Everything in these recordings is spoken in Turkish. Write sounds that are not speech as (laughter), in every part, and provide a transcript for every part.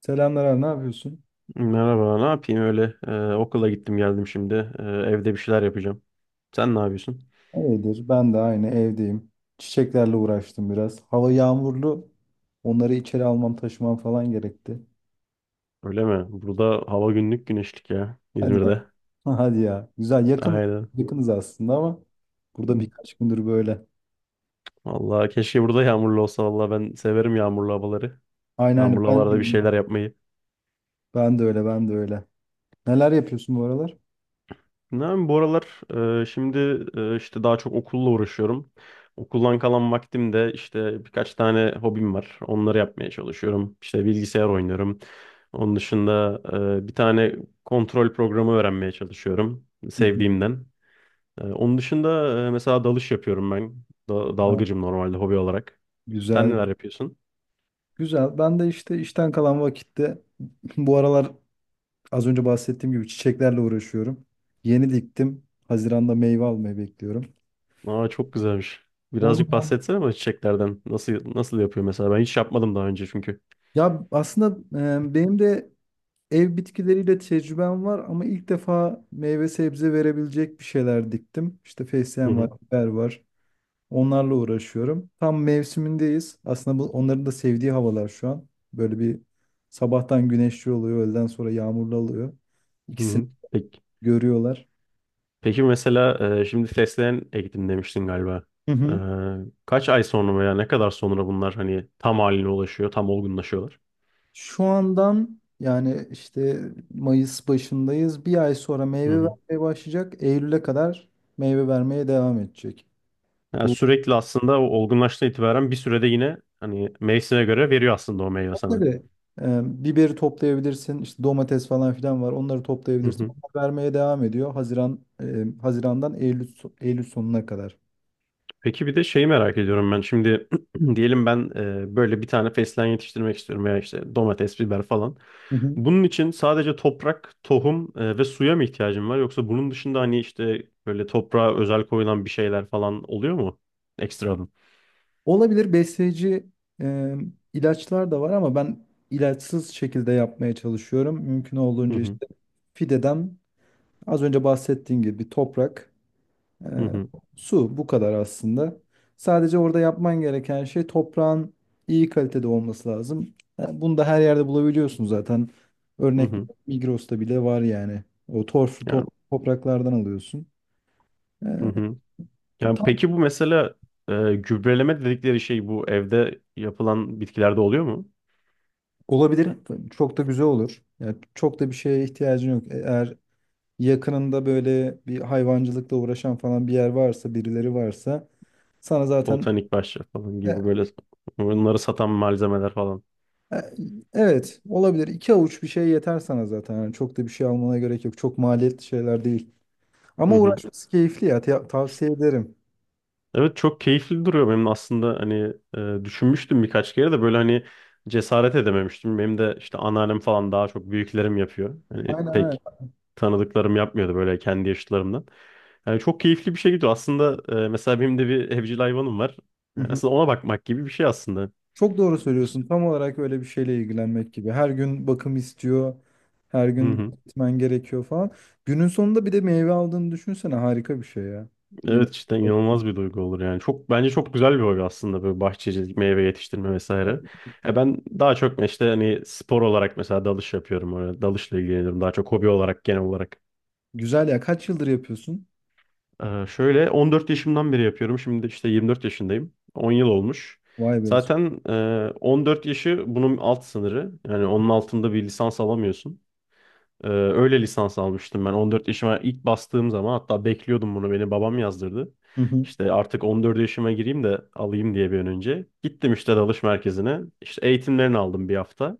Selamlar abi, ne yapıyorsun? Merhaba, ne yapayım öyle? Okula gittim geldim şimdi. Evde bir şeyler yapacağım. Sen ne yapıyorsun? İyidir. Ben de aynı evdeyim. Çiçeklerle uğraştım biraz. Hava yağmurlu. Onları içeri almam, taşımam falan gerekti. Öyle mi? Burada hava günlük güneşlik ya, Hadi ya. İzmir'de. (laughs) Hadi ya. Güzel. Yakın Aynen. yakınız aslında ama burada birkaç gündür böyle. Vallahi keşke burada yağmurlu olsa. Vallahi ben severim yağmurlu havaları. Aynen aynen. Yağmurlu Ben de havalarda bir öyle. şeyler yapmayı. Ben de öyle. Ben de öyle. Neler yapıyorsun bu aralar? Ne yapayım, bu aralar şimdi işte daha çok okulla uğraşıyorum. Okuldan kalan vaktimde işte birkaç tane hobim var. Onları yapmaya çalışıyorum. İşte bilgisayar oynuyorum. Onun dışında bir tane kontrol programı öğrenmeye çalışıyorum Hı hı. sevdiğimden. Onun dışında mesela dalış yapıyorum ben. Da- Ha, dalgıcım normalde hobi olarak. Sen güzel. neler yapıyorsun? Güzel. Ben de işte işten kalan vakitte (laughs) bu aralar az önce bahsettiğim gibi çiçeklerle uğraşıyorum. Yeni diktim. Haziran'da meyve almayı bekliyorum. Aa, çok güzelmiş. Birazcık Onu bahsetsene bana çiçeklerden. Nasıl yapıyor mesela? Ben hiç yapmadım daha önce çünkü. Ya aslında benim de ev bitkileriyle tecrübem var ama ilk defa meyve sebze verebilecek bir şeyler diktim. İşte Hı fesleğen var, hı. biber var. Onlarla uğraşıyorum. Tam mevsimindeyiz. Aslında bu onların da sevdiği havalar şu an. Böyle bir sabahtan güneşli oluyor, öğleden sonra yağmurlu oluyor. Hı İkisini hı. Peki. görüyorlar. Peki mesela şimdi fesleğen ektim demiştin galiba. Hı E, hı. Kaç ay sonra veya ne kadar sonra bunlar hani tam haline ulaşıyor, tam olgunlaşıyorlar? Şu andan yani işte Mayıs başındayız. Bir ay sonra Hı meyve hı. vermeye başlayacak. Eylül'e kadar meyve vermeye devam edecek. Yani sürekli aslında o olgunlaştığı itibaren bir sürede yine hani mevsime göre veriyor aslında o meyve sana. Tabii. Biberi toplayabilirsin. İşte domates falan filan var. Onları Hı toplayabilirsin. hı. Onlar vermeye devam ediyor. Haziran Haziran'dan Eylül Eylül sonuna kadar. Peki bir de şeyi merak ediyorum ben. Şimdi (clears throat) diyelim ben böyle bir tane fesleğen yetiştirmek istiyorum veya işte domates, biber falan. Hı hı. Bunun için sadece toprak, tohum ve suya mı ihtiyacım var? Yoksa bunun dışında hani işte böyle toprağa özel koyulan bir şeyler falan oluyor mu? Ekstradan. Olabilir besleyici e, ilaçlar da var ama ben ilaçsız şekilde yapmaya çalışıyorum. Mümkün Hı olduğunca hı, işte fideden az önce bahsettiğim gibi toprak hı Ee, hı, su bu kadar aslında. Sadece orada yapman gereken şey toprağın iyi kalitede olması lazım. Yani bunu da her yerde bulabiliyorsun zaten. hı Örnek hı. Migros'ta bile var yani. O torf, Yani, topraklardan alıyorsun. hı Ee, hı. Yani Tam peki bu mesela gübreleme dedikleri şey bu evde yapılan bitkilerde oluyor mu? olabilir. Çok da güzel olur. Yani çok da bir şeye ihtiyacın yok. Eğer yakınında böyle bir hayvancılıkla uğraşan falan bir yer varsa, birileri varsa sana zaten Botanik bahçe falan gibi böyle onları satan malzemeler falan. E, evet, olabilir. İki avuç bir şey yeter sana zaten. Yani çok da bir şey almana gerek yok. Çok maliyetli şeyler değil. Ama uğraşması keyifli ya. Tavsiye ederim. Evet, çok keyifli duruyor benim aslında hani düşünmüştüm birkaç kere de böyle hani cesaret edememiştim. Benim de işte anneannem falan daha çok büyüklerim yapıyor. Hani Aynen öyle. pek tanıdıklarım yapmıyordu böyle kendi yaşıtlarımdan. Yani çok keyifli bir şey gidiyor. Aslında mesela benim de bir evcil hayvanım var. Hı Yani hı. aslında ona bakmak gibi bir şey aslında. Çok doğru söylüyorsun. Tam olarak öyle bir şeyle ilgilenmek gibi. Her gün bakım istiyor. Her Hı gün hı. gitmen gerekiyor falan. Günün sonunda bir de meyve aldığını düşünsene. Harika bir şey ya. Evet, Yemek. cidden inanılmaz bir duygu olur yani. Çok, bence çok güzel bir hobi aslında böyle bahçecilik, meyve yetiştirme vesaire. Ya, ben daha çok işte hani spor olarak mesela dalış yapıyorum. Öyle dalışla ilgileniyorum daha çok hobi olarak genel olarak. Güzel ya. Kaç yıldır yapıyorsun? Şöyle 14 yaşımdan beri yapıyorum. Şimdi işte 24 yaşındayım. 10 yıl olmuş. Vay be. Zaten 14 yaşı bunun alt sınırı. Yani onun altında bir lisans alamıyorsun. Öyle lisans almıştım ben 14 yaşıma ilk bastığım zaman, hatta bekliyordum bunu, beni babam yazdırdı. Hı hı. İşte artık 14 yaşıma gireyim de alayım diye bir an önce. Gittim işte dalış merkezine. İşte eğitimlerini aldım bir hafta.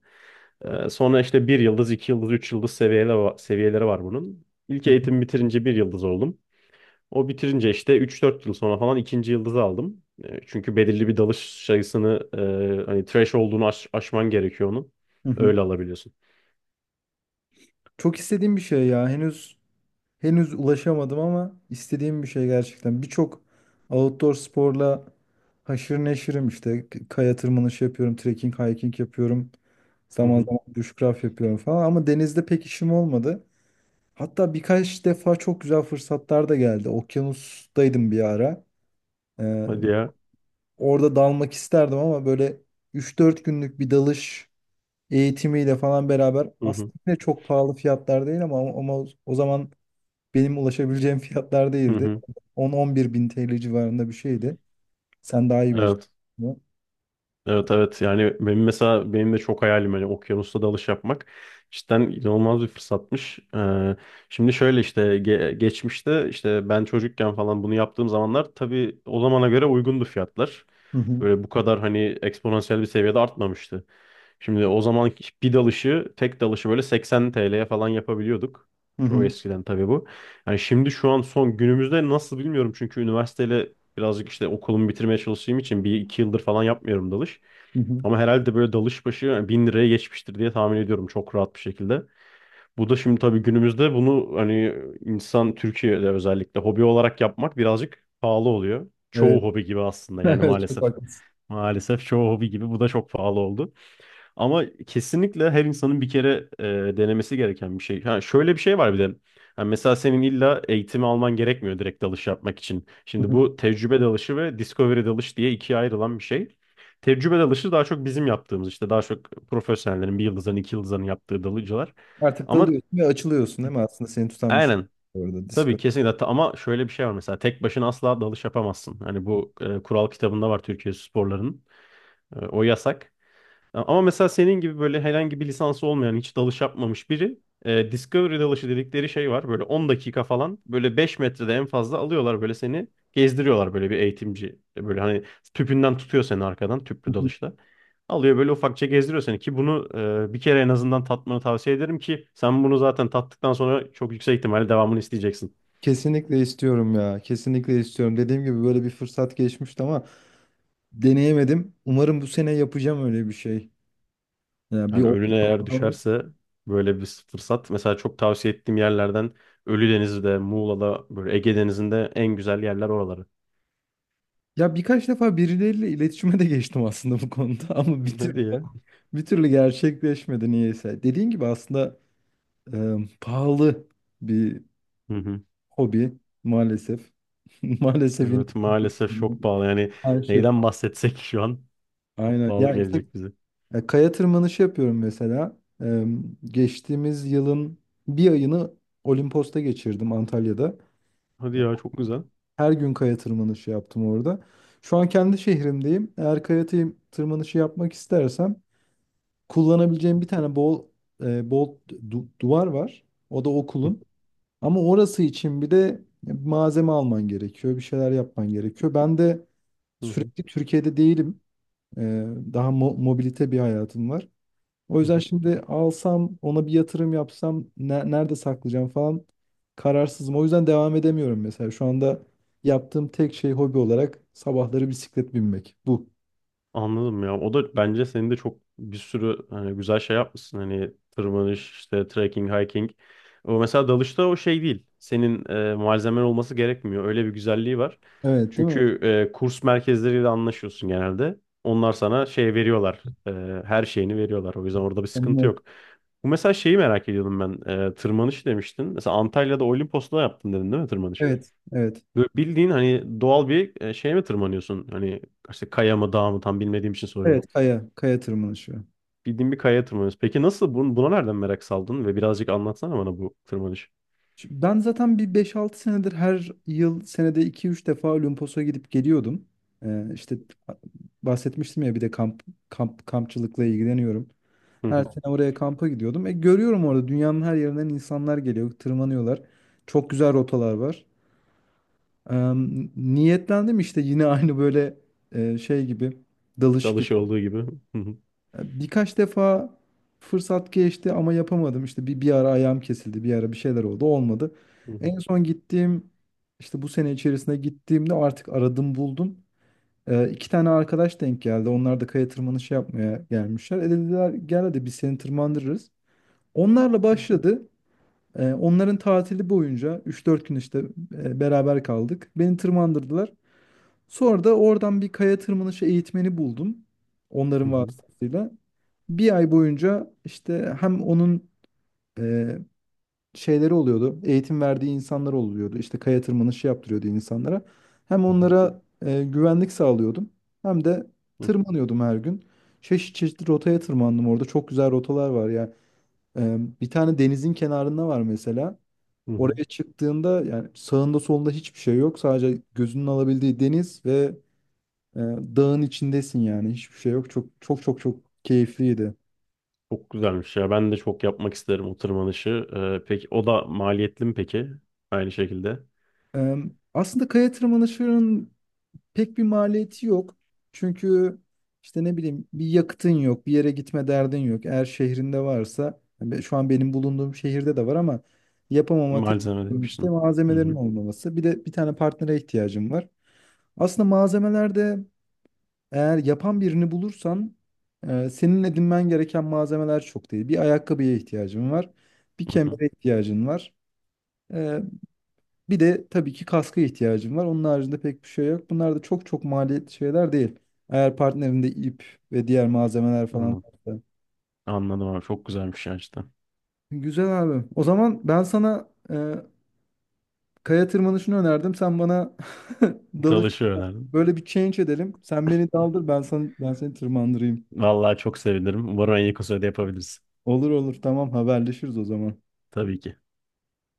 Sonra işte bir yıldız, iki yıldız, üç yıldız seviyeleri, var bunun. İlk eğitim bitirince bir yıldız oldum. O bitirince işte 3-4 yıl sonra falan ikinci yıldızı aldım. Çünkü belirli bir dalış sayısını hani trash olduğunu aşman gerekiyor onu. Hı hı. Öyle alabiliyorsun. Çok istediğim bir şey ya. Henüz ulaşamadım ama istediğim bir şey gerçekten. Birçok outdoor sporla haşır neşirim işte. Kaya tırmanışı yapıyorum, trekking, hiking yapıyorum. Hı Zaman hı. zaman bushcraft yapıyorum falan ama denizde pek işim olmadı. Hatta birkaç defa çok güzel fırsatlar da geldi. Okyanustaydım bir ara. Ee, Hadi ya. Orada dalmak isterdim ama böyle 3-4 günlük bir dalış eğitimiyle falan beraber Hı aslında hı. yine çok pahalı fiyatlar değil ama o zaman benim ulaşabileceğim fiyatlar Hı değildi. hı. 10-11 bin TL civarında bir şeydi. Sen daha iyi bilirsin Evet. bunu. Evet, evet, yani benim mesela benim de çok hayalim hani okyanusta dalış yapmak, cidden inanılmaz bir fırsatmış. Şimdi şöyle işte geçmişte işte ben çocukken falan bunu yaptığım zamanlar tabii o zamana göre uygundu fiyatlar. Hı hı. Böyle bu kadar hani eksponansiyel bir seviyede artmamıştı. Şimdi o zaman bir dalışı, tek dalışı böyle 80 TL'ye falan yapabiliyorduk. Hı Çok hı. eskiden tabii bu. Yani şimdi şu an son günümüzde nasıl bilmiyorum çünkü üniversiteyle birazcık işte okulumu bitirmeye çalıştığım için 1-2 yıldır falan yapmıyorum dalış. Hı hı. Ama herhalde böyle dalış başı yani 1000 liraya geçmiştir diye tahmin ediyorum, çok rahat bir şekilde. Bu da şimdi tabii günümüzde bunu hani insan Türkiye'de özellikle hobi olarak yapmak birazcık pahalı oluyor. Evet. Çoğu hobi gibi (laughs) aslında yani, Evet, çok maalesef. haklısın. Maalesef çoğu hobi gibi bu da çok pahalı oldu. Ama kesinlikle her insanın bir kere denemesi gereken bir şey. Ha, şöyle bir şey var bir de. Ha, mesela senin illa eğitimi alman gerekmiyor direkt dalış yapmak için. Hı Şimdi hı. bu tecrübe dalışı ve discovery dalış diye ikiye ayrılan bir şey. Tecrübe dalışı daha çok bizim yaptığımız, işte daha çok profesyonellerin, bir yıldızların, iki yıldızların yaptığı dalıcılar. Artık Ama dalıyorsun ve açılıyorsun değil mi? Aslında seni tutan bir şey aynen, yok orada tabii, Discord. kesinlikle. Ama şöyle bir şey var, mesela tek başına asla dalış yapamazsın. Hani bu kural kitabında var Türkiye sporlarının. O yasak. Ama mesela senin gibi böyle herhangi bir lisansı olmayan, hiç dalış yapmamış biri, Discovery dalışı dedikleri şey var. Böyle 10 dakika falan, böyle 5 metrede en fazla alıyorlar, böyle seni gezdiriyorlar böyle bir eğitimci. Böyle hani tüpünden tutuyor seni arkadan, Hı tüplü hı. dalışla. Alıyor böyle ufakça gezdiriyor seni, ki bunu bir kere en azından tatmanı tavsiye ederim, ki sen bunu zaten tattıktan sonra çok yüksek ihtimalle devamını isteyeceksin. Kesinlikle istiyorum ya. Kesinlikle istiyorum. Dediğim gibi böyle bir fırsat geçmişti ama deneyemedim. Umarım bu sene yapacağım öyle bir şey. Ya bir Yani önüne eğer opsiyon almak. düşerse böyle bir fırsat. Mesela çok tavsiye ettiğim yerlerden Ölüdeniz'de, Muğla'da, böyle Ege Denizi'nde en güzel yerler oraları. Ya birkaç defa birileriyle iletişime de geçtim aslında bu konuda. (laughs) Ama bitir Ne diye? bir türlü gerçekleşmedi niyeyse. Dediğin gibi aslında e, pahalı bir Hı hı. hobi maalesef. (laughs) Maalesef yine Evet, maalesef çok pahalı. Yani her şey neyden pahalı. bahsetsek şu an çok Aynen. pahalı Ya işte, gelecek bize. Kaya tırmanışı yapıyorum mesela. Geçtiğimiz yılın bir ayını Olimpos'ta geçirdim Antalya'da. Hadi Ya, ya, çok güzel. her gün kaya tırmanışı yaptım orada. Şu an kendi şehrimdeyim. Eğer kaya tırmanışı yapmak istersem kullanabileceğim bir tane bol duvar var. O da Hı okulun. Ama orası için bir de malzeme alman gerekiyor, bir şeyler yapman gerekiyor. Ben de hı, sürekli Türkiye'de değilim. Ee, Daha mobilite bir hayatım var. O hı yüzden hı. şimdi alsam, ona bir yatırım yapsam, nerede saklayacağım falan kararsızım. O yüzden devam edemiyorum mesela. Şu anda yaptığım tek şey hobi olarak sabahları bisiklet binmek. Bu. Anladım ya. O da, bence senin de çok bir sürü hani güzel şey yapmışsın. Hani tırmanış, işte trekking, hiking. O mesela dalışta o şey değil. Senin malzemen olması gerekmiyor. Öyle bir güzelliği var. Evet, değil mi? Çünkü kurs merkezleriyle anlaşıyorsun genelde. Onlar sana şey veriyorlar. Her şeyini veriyorlar. O yüzden orada bir sıkıntı Anlıyorum. yok. Bu mesela şeyi merak ediyordum ben. Tırmanış demiştin. Mesela Antalya'da Olimpos'ta yaptın dedin değil mi, tırmanış? Evet, evet. Böyle bildiğin hani doğal bir şeye mi tırmanıyorsun? Hani işte kaya mı dağ mı tam bilmediğim için Evet, soruyorum. Kaya tırmanışı. Bildiğin bir kayaya tırmanıyorsun. Peki nasıl buna nereden merak saldın ve birazcık anlatsana bana bu tırmanış. Şimdi ben zaten bir beş altı senedir her yıl senede iki üç defa Olimpos'a gidip geliyordum. İşte bahsetmiştim ya bir de kampçılıkla ilgileniyorum. Hı Her hı. sene oraya kampa gidiyordum. E, görüyorum orada dünyanın her yerinden insanlar geliyor, tırmanıyorlar. Çok güzel rotalar var. Ee, Niyetlendim işte yine (laughs) aynı böyle şey gibi, dalış gibi. Dalışı olduğu gibi. Hı hı. Birkaç defa fırsat geçti ama yapamadım. İşte bir ara ayağım kesildi, bir ara bir şeyler oldu, olmadı. Hı hı. En son gittiğim, işte bu sene içerisinde gittiğimde artık aradım buldum. İki tane arkadaş denk geldi. Onlar da kaya tırmanışı yapmaya gelmişler. E dediler gel hadi biz seni tırmandırırız. Onlarla başladı. Onların tatili boyunca üç dört gün işte beraber kaldık. Beni tırmandırdılar. Sonra da oradan bir kaya tırmanışı eğitmeni buldum. Hı Onların hı. vasıtasıyla. Bir ay boyunca işte hem onun e, şeyleri oluyordu. Eğitim verdiği insanlar oluyordu. İşte kaya tırmanışı yaptırıyordu insanlara. Hem Hı onlara güvenlik sağlıyordum. Hem de hı. tırmanıyordum her gün. Çeşitli rotaya tırmandım orada. Çok güzel rotalar var ya. E, bir tane denizin kenarında var mesela. Hı hı. Oraya çıktığında yani sağında solunda hiçbir şey yok. Sadece gözünün alabildiği deniz ve ee, dağın içindesin yani hiçbir şey yok. Çok çok çok çok keyifliydi. Çok güzelmiş ya. Ben de çok yapmak isterim o tırmanışı. Peki o da maliyetli mi peki? Aynı şekilde. Ee, Aslında kaya tırmanışının pek bir maliyeti yok. Çünkü işte ne bileyim bir yakıtın yok, bir yere gitme derdin yok. Eğer şehrinde varsa, yani şu an benim bulunduğum şehirde de var ama yapamama tek Malzeme sorun işte demiştin. Hı hı. malzemelerin olmaması. Bir de bir tane partnere ihtiyacım var. Aslında malzemeler de eğer yapan birini bulursan senin edinmen gereken malzemeler çok değil. Bir ayakkabıya ihtiyacın var, bir Hı hı. kemere ihtiyacın var. e, Bir de tabii ki kaska ihtiyacın var. Onun haricinde pek bir şey yok. Bunlar da çok çok maliyetli şeyler değil. Eğer partnerinde ip ve diğer malzemeler falan Anladım. varsa. Anladım abi. Çok güzelmiş ya işte. Güzel abi. O zaman ben sana kaya tırmanışını önerdim. Sen bana (laughs) dalış Dalışı önerdim. böyle bir change edelim. Sen beni daldır, ben seni tırmandırayım. Vallahi çok sevinirim. Umarım en yakın sürede yapabiliriz. Olur olur tamam haberleşiriz o zaman. Tabii ki.